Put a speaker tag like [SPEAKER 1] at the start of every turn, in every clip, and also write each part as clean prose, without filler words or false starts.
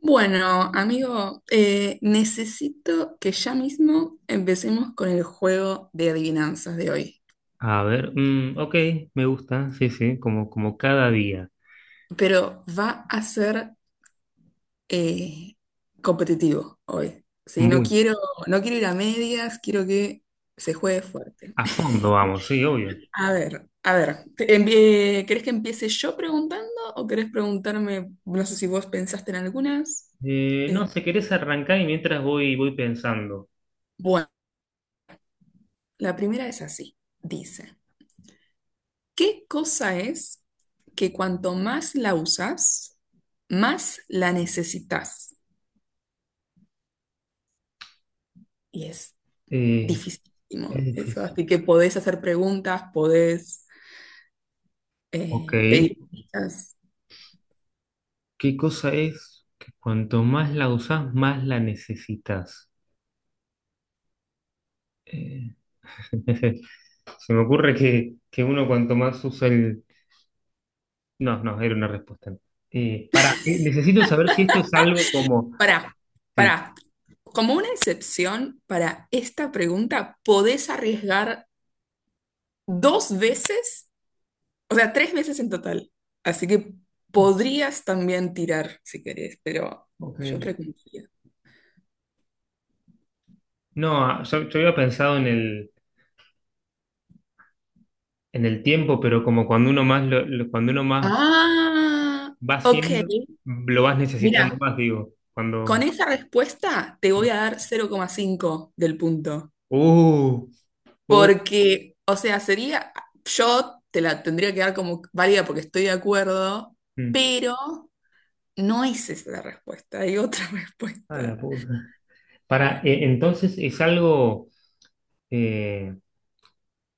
[SPEAKER 1] Bueno, amigo, necesito que ya mismo empecemos con el juego de adivinanzas de hoy,
[SPEAKER 2] A ver, ok, me gusta, sí, sí, como cada día.
[SPEAKER 1] pero va a ser eh, competitivo hoy, ¿sí? No
[SPEAKER 2] Muy
[SPEAKER 1] quiero, no quiero ir a medias, quiero que se juegue fuerte.
[SPEAKER 2] a fondo vamos, sí, obvio.
[SPEAKER 1] A ver, ¿querés que empiece yo preguntando o querés preguntarme? No sé si vos pensaste en algunas. Eh,
[SPEAKER 2] No, si querés arrancar y mientras voy pensando.
[SPEAKER 1] bueno, la primera es así, dice. ¿Qué cosa es que cuanto más la usas, más la necesitas? Y es
[SPEAKER 2] Eh, es
[SPEAKER 1] dificilísimo eso,
[SPEAKER 2] difícil.
[SPEAKER 1] así que podés hacer preguntas, podés
[SPEAKER 2] Ok,
[SPEAKER 1] pedir pistas.
[SPEAKER 2] ¿qué cosa es que cuanto más la usás, más la necesitas? Eh, se me ocurre que uno cuanto más usa el... No, no, era una respuesta. No. Pará, necesito saber si esto es algo como...
[SPEAKER 1] Pará, pará.
[SPEAKER 2] Sí.
[SPEAKER 1] Como una excepción para esta pregunta, podés arriesgar dos veces, o sea, tres veces en total. Así que podrías también tirar si querés, pero yo
[SPEAKER 2] Ok.
[SPEAKER 1] preguntaría.
[SPEAKER 2] No, yo había pensado en el tiempo, pero como cuando uno más cuando uno más
[SPEAKER 1] Ah,
[SPEAKER 2] va
[SPEAKER 1] ok.
[SPEAKER 2] haciendo, lo vas necesitando
[SPEAKER 1] Mira,
[SPEAKER 2] más, digo.
[SPEAKER 1] con
[SPEAKER 2] Cuando.
[SPEAKER 1] esa respuesta te voy a dar 0,5 del punto,
[SPEAKER 2] Uh, uh,
[SPEAKER 1] porque, o sea, sería, yo te la tendría que dar como válida porque estoy de acuerdo,
[SPEAKER 2] mm,
[SPEAKER 1] pero no es esa la respuesta, hay otra
[SPEAKER 2] a la
[SPEAKER 1] respuesta.
[SPEAKER 2] puta. Para, entonces, ¿es algo eh,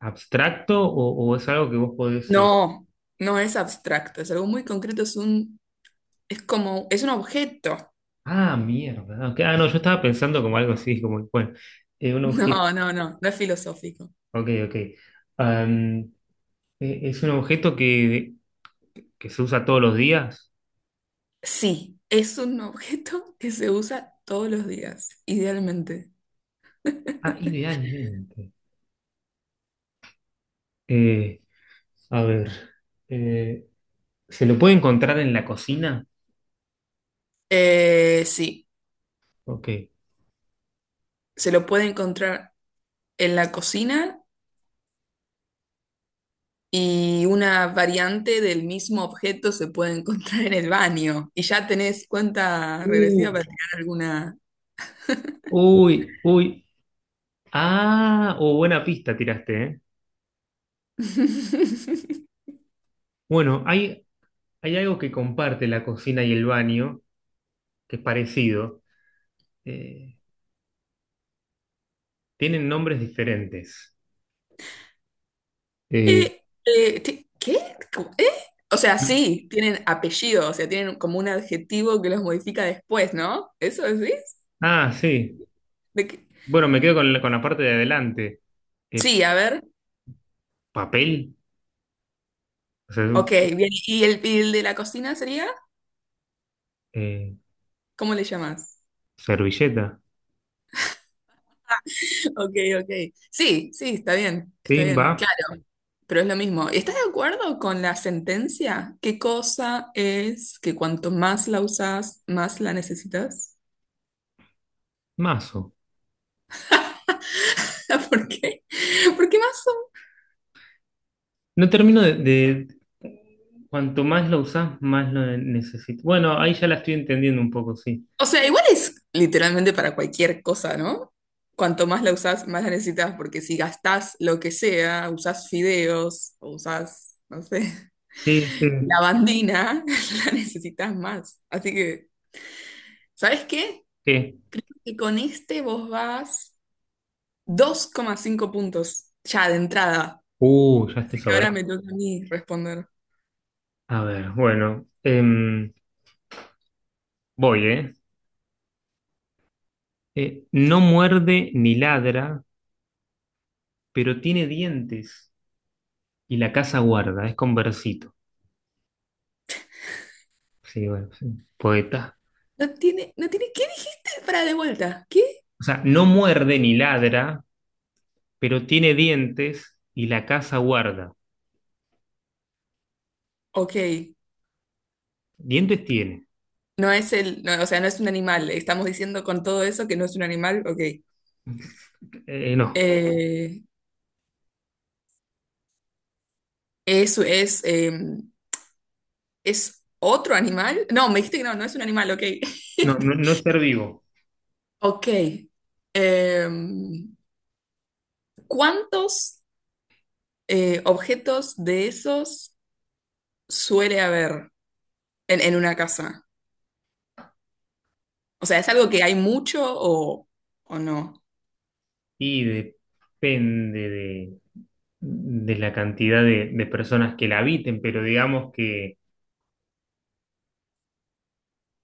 [SPEAKER 2] abstracto o es algo que vos podés.
[SPEAKER 1] No, no es abstracto, es algo muy concreto, es como, es un objeto.
[SPEAKER 2] Ah, mierda. Ok, ah, no, yo estaba pensando como algo así, como, bueno, un objeto.
[SPEAKER 1] No, no, no, no es filosófico.
[SPEAKER 2] Ok, ok. Am, es un objeto que se usa todos los días.
[SPEAKER 1] Sí, es un objeto que se usa todos los días, idealmente.
[SPEAKER 2] Ah, idealmente. eh, A ver, eh, ¿se lo puede encontrar en la cocina?
[SPEAKER 1] Sí.
[SPEAKER 2] Ok.
[SPEAKER 1] Se lo puede encontrar en la cocina, y una variante del mismo objeto se puede encontrar en el baño. Y ya tenés cuenta regresiva
[SPEAKER 2] Uh,
[SPEAKER 1] para tirar alguna.
[SPEAKER 2] uy, uy. Ah, oh, buena pista tiraste, ¿eh? Bueno, hay algo que comparte la cocina y el baño, que es parecido. Eh, Tienen nombres diferentes. Eh,
[SPEAKER 1] ¿Qué? ¿Cómo? ¿Eh? O sea, sí, tienen apellido, o sea, tienen como un adjetivo que los modifica después, ¿no? ¿Eso decís?
[SPEAKER 2] ah, sí.
[SPEAKER 1] ¿De qué?
[SPEAKER 2] Bueno, me quedo con la parte de adelante. Eh,
[SPEAKER 1] Sí, a ver.
[SPEAKER 2] Papel, o sea,
[SPEAKER 1] Ok, bien. ¿Y el de la cocina sería?
[SPEAKER 2] eh,
[SPEAKER 1] ¿Cómo le llamás?
[SPEAKER 2] servilleta.
[SPEAKER 1] Ok, ok. Sí, sí,
[SPEAKER 2] Sí,
[SPEAKER 1] está
[SPEAKER 2] va,
[SPEAKER 1] bien, claro, pero es lo mismo. ¿Estás de acuerdo con la sentencia? ¿Qué cosa es que cuanto más la usas, más la necesitas?
[SPEAKER 2] mazo.
[SPEAKER 1] ¿Por qué? ¿Por qué más?
[SPEAKER 2] No termino cuanto más lo usás, más lo necesito. Bueno, ahí ya la estoy entendiendo un poco, sí.
[SPEAKER 1] O sea, igual es literalmente para cualquier cosa, ¿no? Cuanto más la usas, más la necesitas, porque si gastás lo que sea, usás fideos o usás, no sé,
[SPEAKER 2] Sí, sí.
[SPEAKER 1] lavandina, la necesitas más. Así que, ¿sabes qué?
[SPEAKER 2] ¿Qué?
[SPEAKER 1] Y con este vos vas 2,5 puntos ya de entrada.
[SPEAKER 2] Ya estoy
[SPEAKER 1] Así que ahora
[SPEAKER 2] sobrado.
[SPEAKER 1] me toca a mí responder.
[SPEAKER 2] A ver, bueno, voy, ¿eh? No muerde ni ladra, pero tiene dientes y la casa guarda, es conversito. Sí, bueno, sí, poeta.
[SPEAKER 1] No tiene, no tiene, ¿qué dijiste para de vuelta? ¿Qué?
[SPEAKER 2] O sea, no muerde ni ladra, pero tiene dientes y la casa guarda.
[SPEAKER 1] Ok.
[SPEAKER 2] ¿Dientes tiene?
[SPEAKER 1] No es el, no, o sea, no es un animal. Estamos diciendo con todo eso que no es un animal. Ok.
[SPEAKER 2] No,
[SPEAKER 1] Eh, es, es, eh, ¿Es otro animal? No, me dijiste que no, no es un animal. Ok.
[SPEAKER 2] no, no, no es ser vivo.
[SPEAKER 1] Ok. Em, ¿Cuántos objetos de esos suele haber en una casa? O sea, ¿es algo que hay mucho o no?
[SPEAKER 2] Y depende de la cantidad de personas que la habiten, pero digamos que,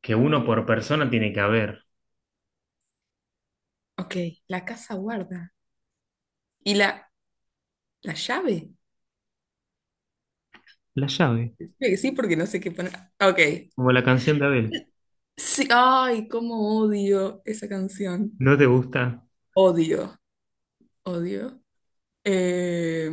[SPEAKER 2] que uno por persona tiene que haber.
[SPEAKER 1] Ok, la casa guarda. ¿Y la llave?
[SPEAKER 2] La llave,
[SPEAKER 1] Creo que sí, porque no sé qué poner. Ok.
[SPEAKER 2] como la canción de Abel.
[SPEAKER 1] Sí, ay, cómo odio esa canción.
[SPEAKER 2] ¿No te gusta?
[SPEAKER 1] Odio, odio. Eh,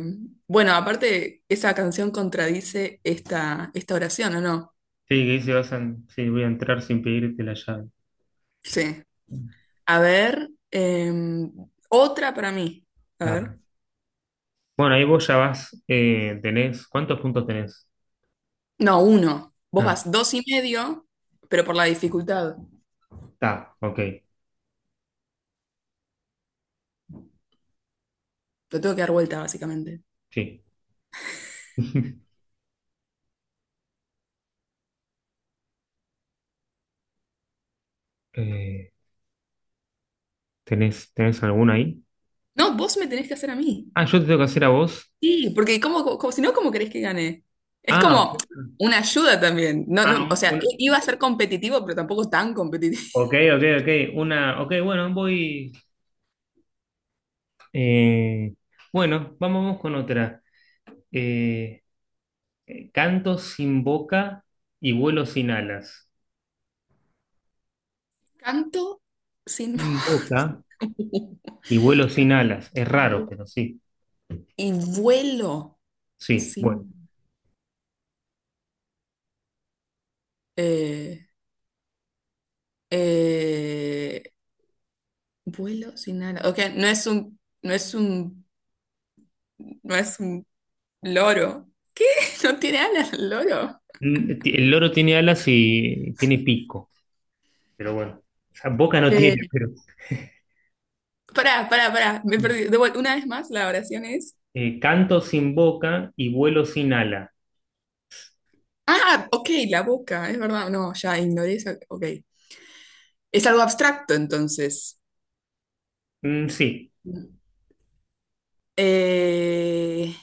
[SPEAKER 1] bueno, aparte, esa canción contradice esta oración, ¿o no?
[SPEAKER 2] Sí, que dice, sí, voy a entrar sin pedirte la llave.
[SPEAKER 1] Sí. A ver, em, otra para mí. A
[SPEAKER 2] Ah.
[SPEAKER 1] ver.
[SPEAKER 2] Bueno, ahí vos ya tenés, ¿cuántos puntos tenés?
[SPEAKER 1] No, uno. Vos
[SPEAKER 2] Ah,
[SPEAKER 1] vas dos y medio, pero por la dificultad.
[SPEAKER 2] está, ok,
[SPEAKER 1] Lo tengo que dar vuelta, básicamente.
[SPEAKER 2] sí. Eh, ¿tenés alguna ahí?
[SPEAKER 1] No, vos me tenés que hacer a mí.
[SPEAKER 2] Ah, yo te tengo que hacer a vos.
[SPEAKER 1] Sí, porque si no, ¿cómo querés que gane? Es
[SPEAKER 2] Ah,
[SPEAKER 1] como una ayuda también. No, no,
[SPEAKER 2] ah,
[SPEAKER 1] o sea,
[SPEAKER 2] una,
[SPEAKER 1] iba a ser competitivo, pero tampoco tan competitivo.
[SPEAKER 2] ok, ok, ok, una, ok, bueno, voy. Eh, bueno, vamos, vamos con otra. Eh, Canto sin boca y vuelo sin alas.
[SPEAKER 1] Canto sin
[SPEAKER 2] Sin
[SPEAKER 1] voz.
[SPEAKER 2] boca
[SPEAKER 1] Canto
[SPEAKER 2] y vuelo sin alas. Es
[SPEAKER 1] sin
[SPEAKER 2] raro,
[SPEAKER 1] voz.
[SPEAKER 2] pero sí.
[SPEAKER 1] Y vuelo
[SPEAKER 2] Sí, bueno.
[SPEAKER 1] sin... eh, eh, vuelo sin alas. Ok, no es un... No es un... No es un loro. No tiene alas el loro.
[SPEAKER 2] El loro tiene alas y tiene pico, pero bueno. O sea, boca no tiene,
[SPEAKER 1] Eh,
[SPEAKER 2] pero...
[SPEAKER 1] Pará, pará, pará. Me
[SPEAKER 2] Mm.
[SPEAKER 1] perdí. Una vez más, la oración es...
[SPEAKER 2] Canto sin boca y vuelo sin ala.
[SPEAKER 1] Ah, ok, la boca, es verdad. No, ya ignoré esa. Ok. Es algo abstracto, entonces.
[SPEAKER 2] Mm, sí.
[SPEAKER 1] Eh,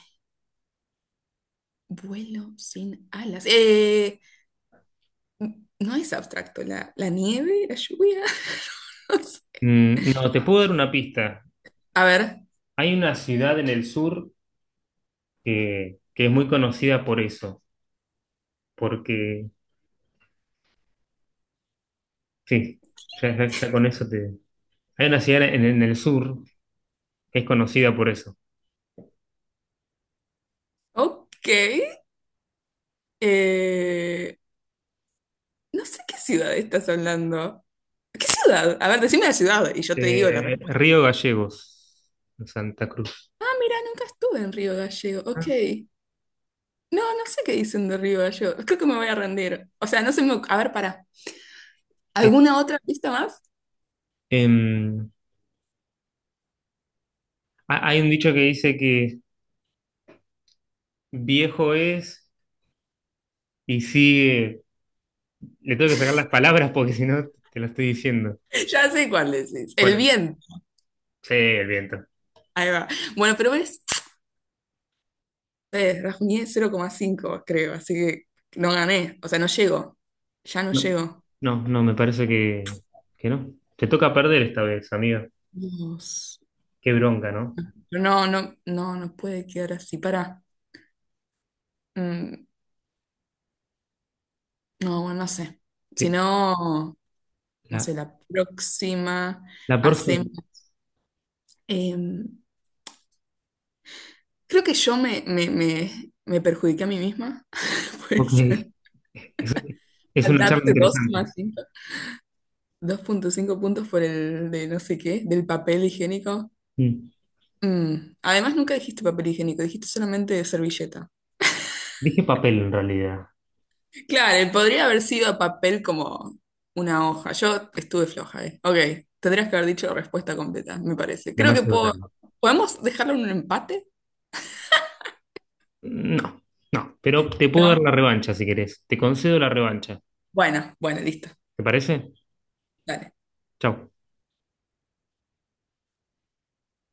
[SPEAKER 1] Vuelo sin alas. No es abstracto. La nieve, la lluvia. No sé.
[SPEAKER 2] No, te puedo dar una pista.
[SPEAKER 1] A ver.
[SPEAKER 2] Hay una ciudad en el sur que es muy conocida por eso porque sí, ya con eso te... Hay una ciudad en el sur que es conocida por eso.
[SPEAKER 1] Ok. Eh, no sé qué ciudad estás hablando. ¿Qué ciudad? A ver, decime la ciudad y yo te digo la respuesta.
[SPEAKER 2] Río Gallegos, en Santa Cruz.
[SPEAKER 1] Ah, mira, nunca estuve en Río Gallego. Ok.
[SPEAKER 2] Ah.
[SPEAKER 1] No, no sé qué dicen de Río Gallego. Creo que me voy a rendir. O sea, no sé. A ver, pará.
[SPEAKER 2] Eh,
[SPEAKER 1] ¿Alguna otra pista más?
[SPEAKER 2] em, Hay un dicho que dice que viejo es y sigue... Le tengo que sacar las palabras porque si no te lo estoy diciendo.
[SPEAKER 1] Ya sé cuál decís. El
[SPEAKER 2] Bueno,
[SPEAKER 1] viento.
[SPEAKER 2] sí, el viento.
[SPEAKER 1] Ahí va. Bueno, pero ves, rajuñé 0,5 creo, así que no gané. O sea, no llego. Ya no
[SPEAKER 2] No,
[SPEAKER 1] llego.
[SPEAKER 2] no, no, me parece que no. Te toca perder esta vez, amigo.
[SPEAKER 1] Dios.
[SPEAKER 2] Qué bronca, ¿no?
[SPEAKER 1] No, no, no, no puede quedar así. Para. No, bueno, no sé. Si
[SPEAKER 2] Que
[SPEAKER 1] no, no
[SPEAKER 2] la,
[SPEAKER 1] sé, la próxima
[SPEAKER 2] la próxima...
[SPEAKER 1] hacemos. em, creo que yo me perjudiqué a mí misma.
[SPEAKER 2] Ok,
[SPEAKER 1] Pues,
[SPEAKER 2] es es
[SPEAKER 1] al
[SPEAKER 2] una charla
[SPEAKER 1] darte
[SPEAKER 2] interesante.
[SPEAKER 1] 2.5 puntos por el de no sé qué, del papel higiénico.
[SPEAKER 2] Mm.
[SPEAKER 1] Mm. Además, nunca dijiste papel higiénico, dijiste solamente servilleta.
[SPEAKER 2] Dije papel en realidad.
[SPEAKER 1] Claro, él podría haber sido papel como una hoja. Yo estuve floja, eh. Ok, tendrías que haber dicho la respuesta completa, me parece. Creo que
[SPEAKER 2] Demasiado
[SPEAKER 1] puedo...
[SPEAKER 2] tarde.
[SPEAKER 1] ¿Podemos dejarlo en un empate?
[SPEAKER 2] No, no. Pero te puedo dar
[SPEAKER 1] ¿No?
[SPEAKER 2] la revancha si querés. Te concedo la revancha.
[SPEAKER 1] Bueno, bueno, listo.
[SPEAKER 2] ¿Te parece?
[SPEAKER 1] Dale.
[SPEAKER 2] Chau.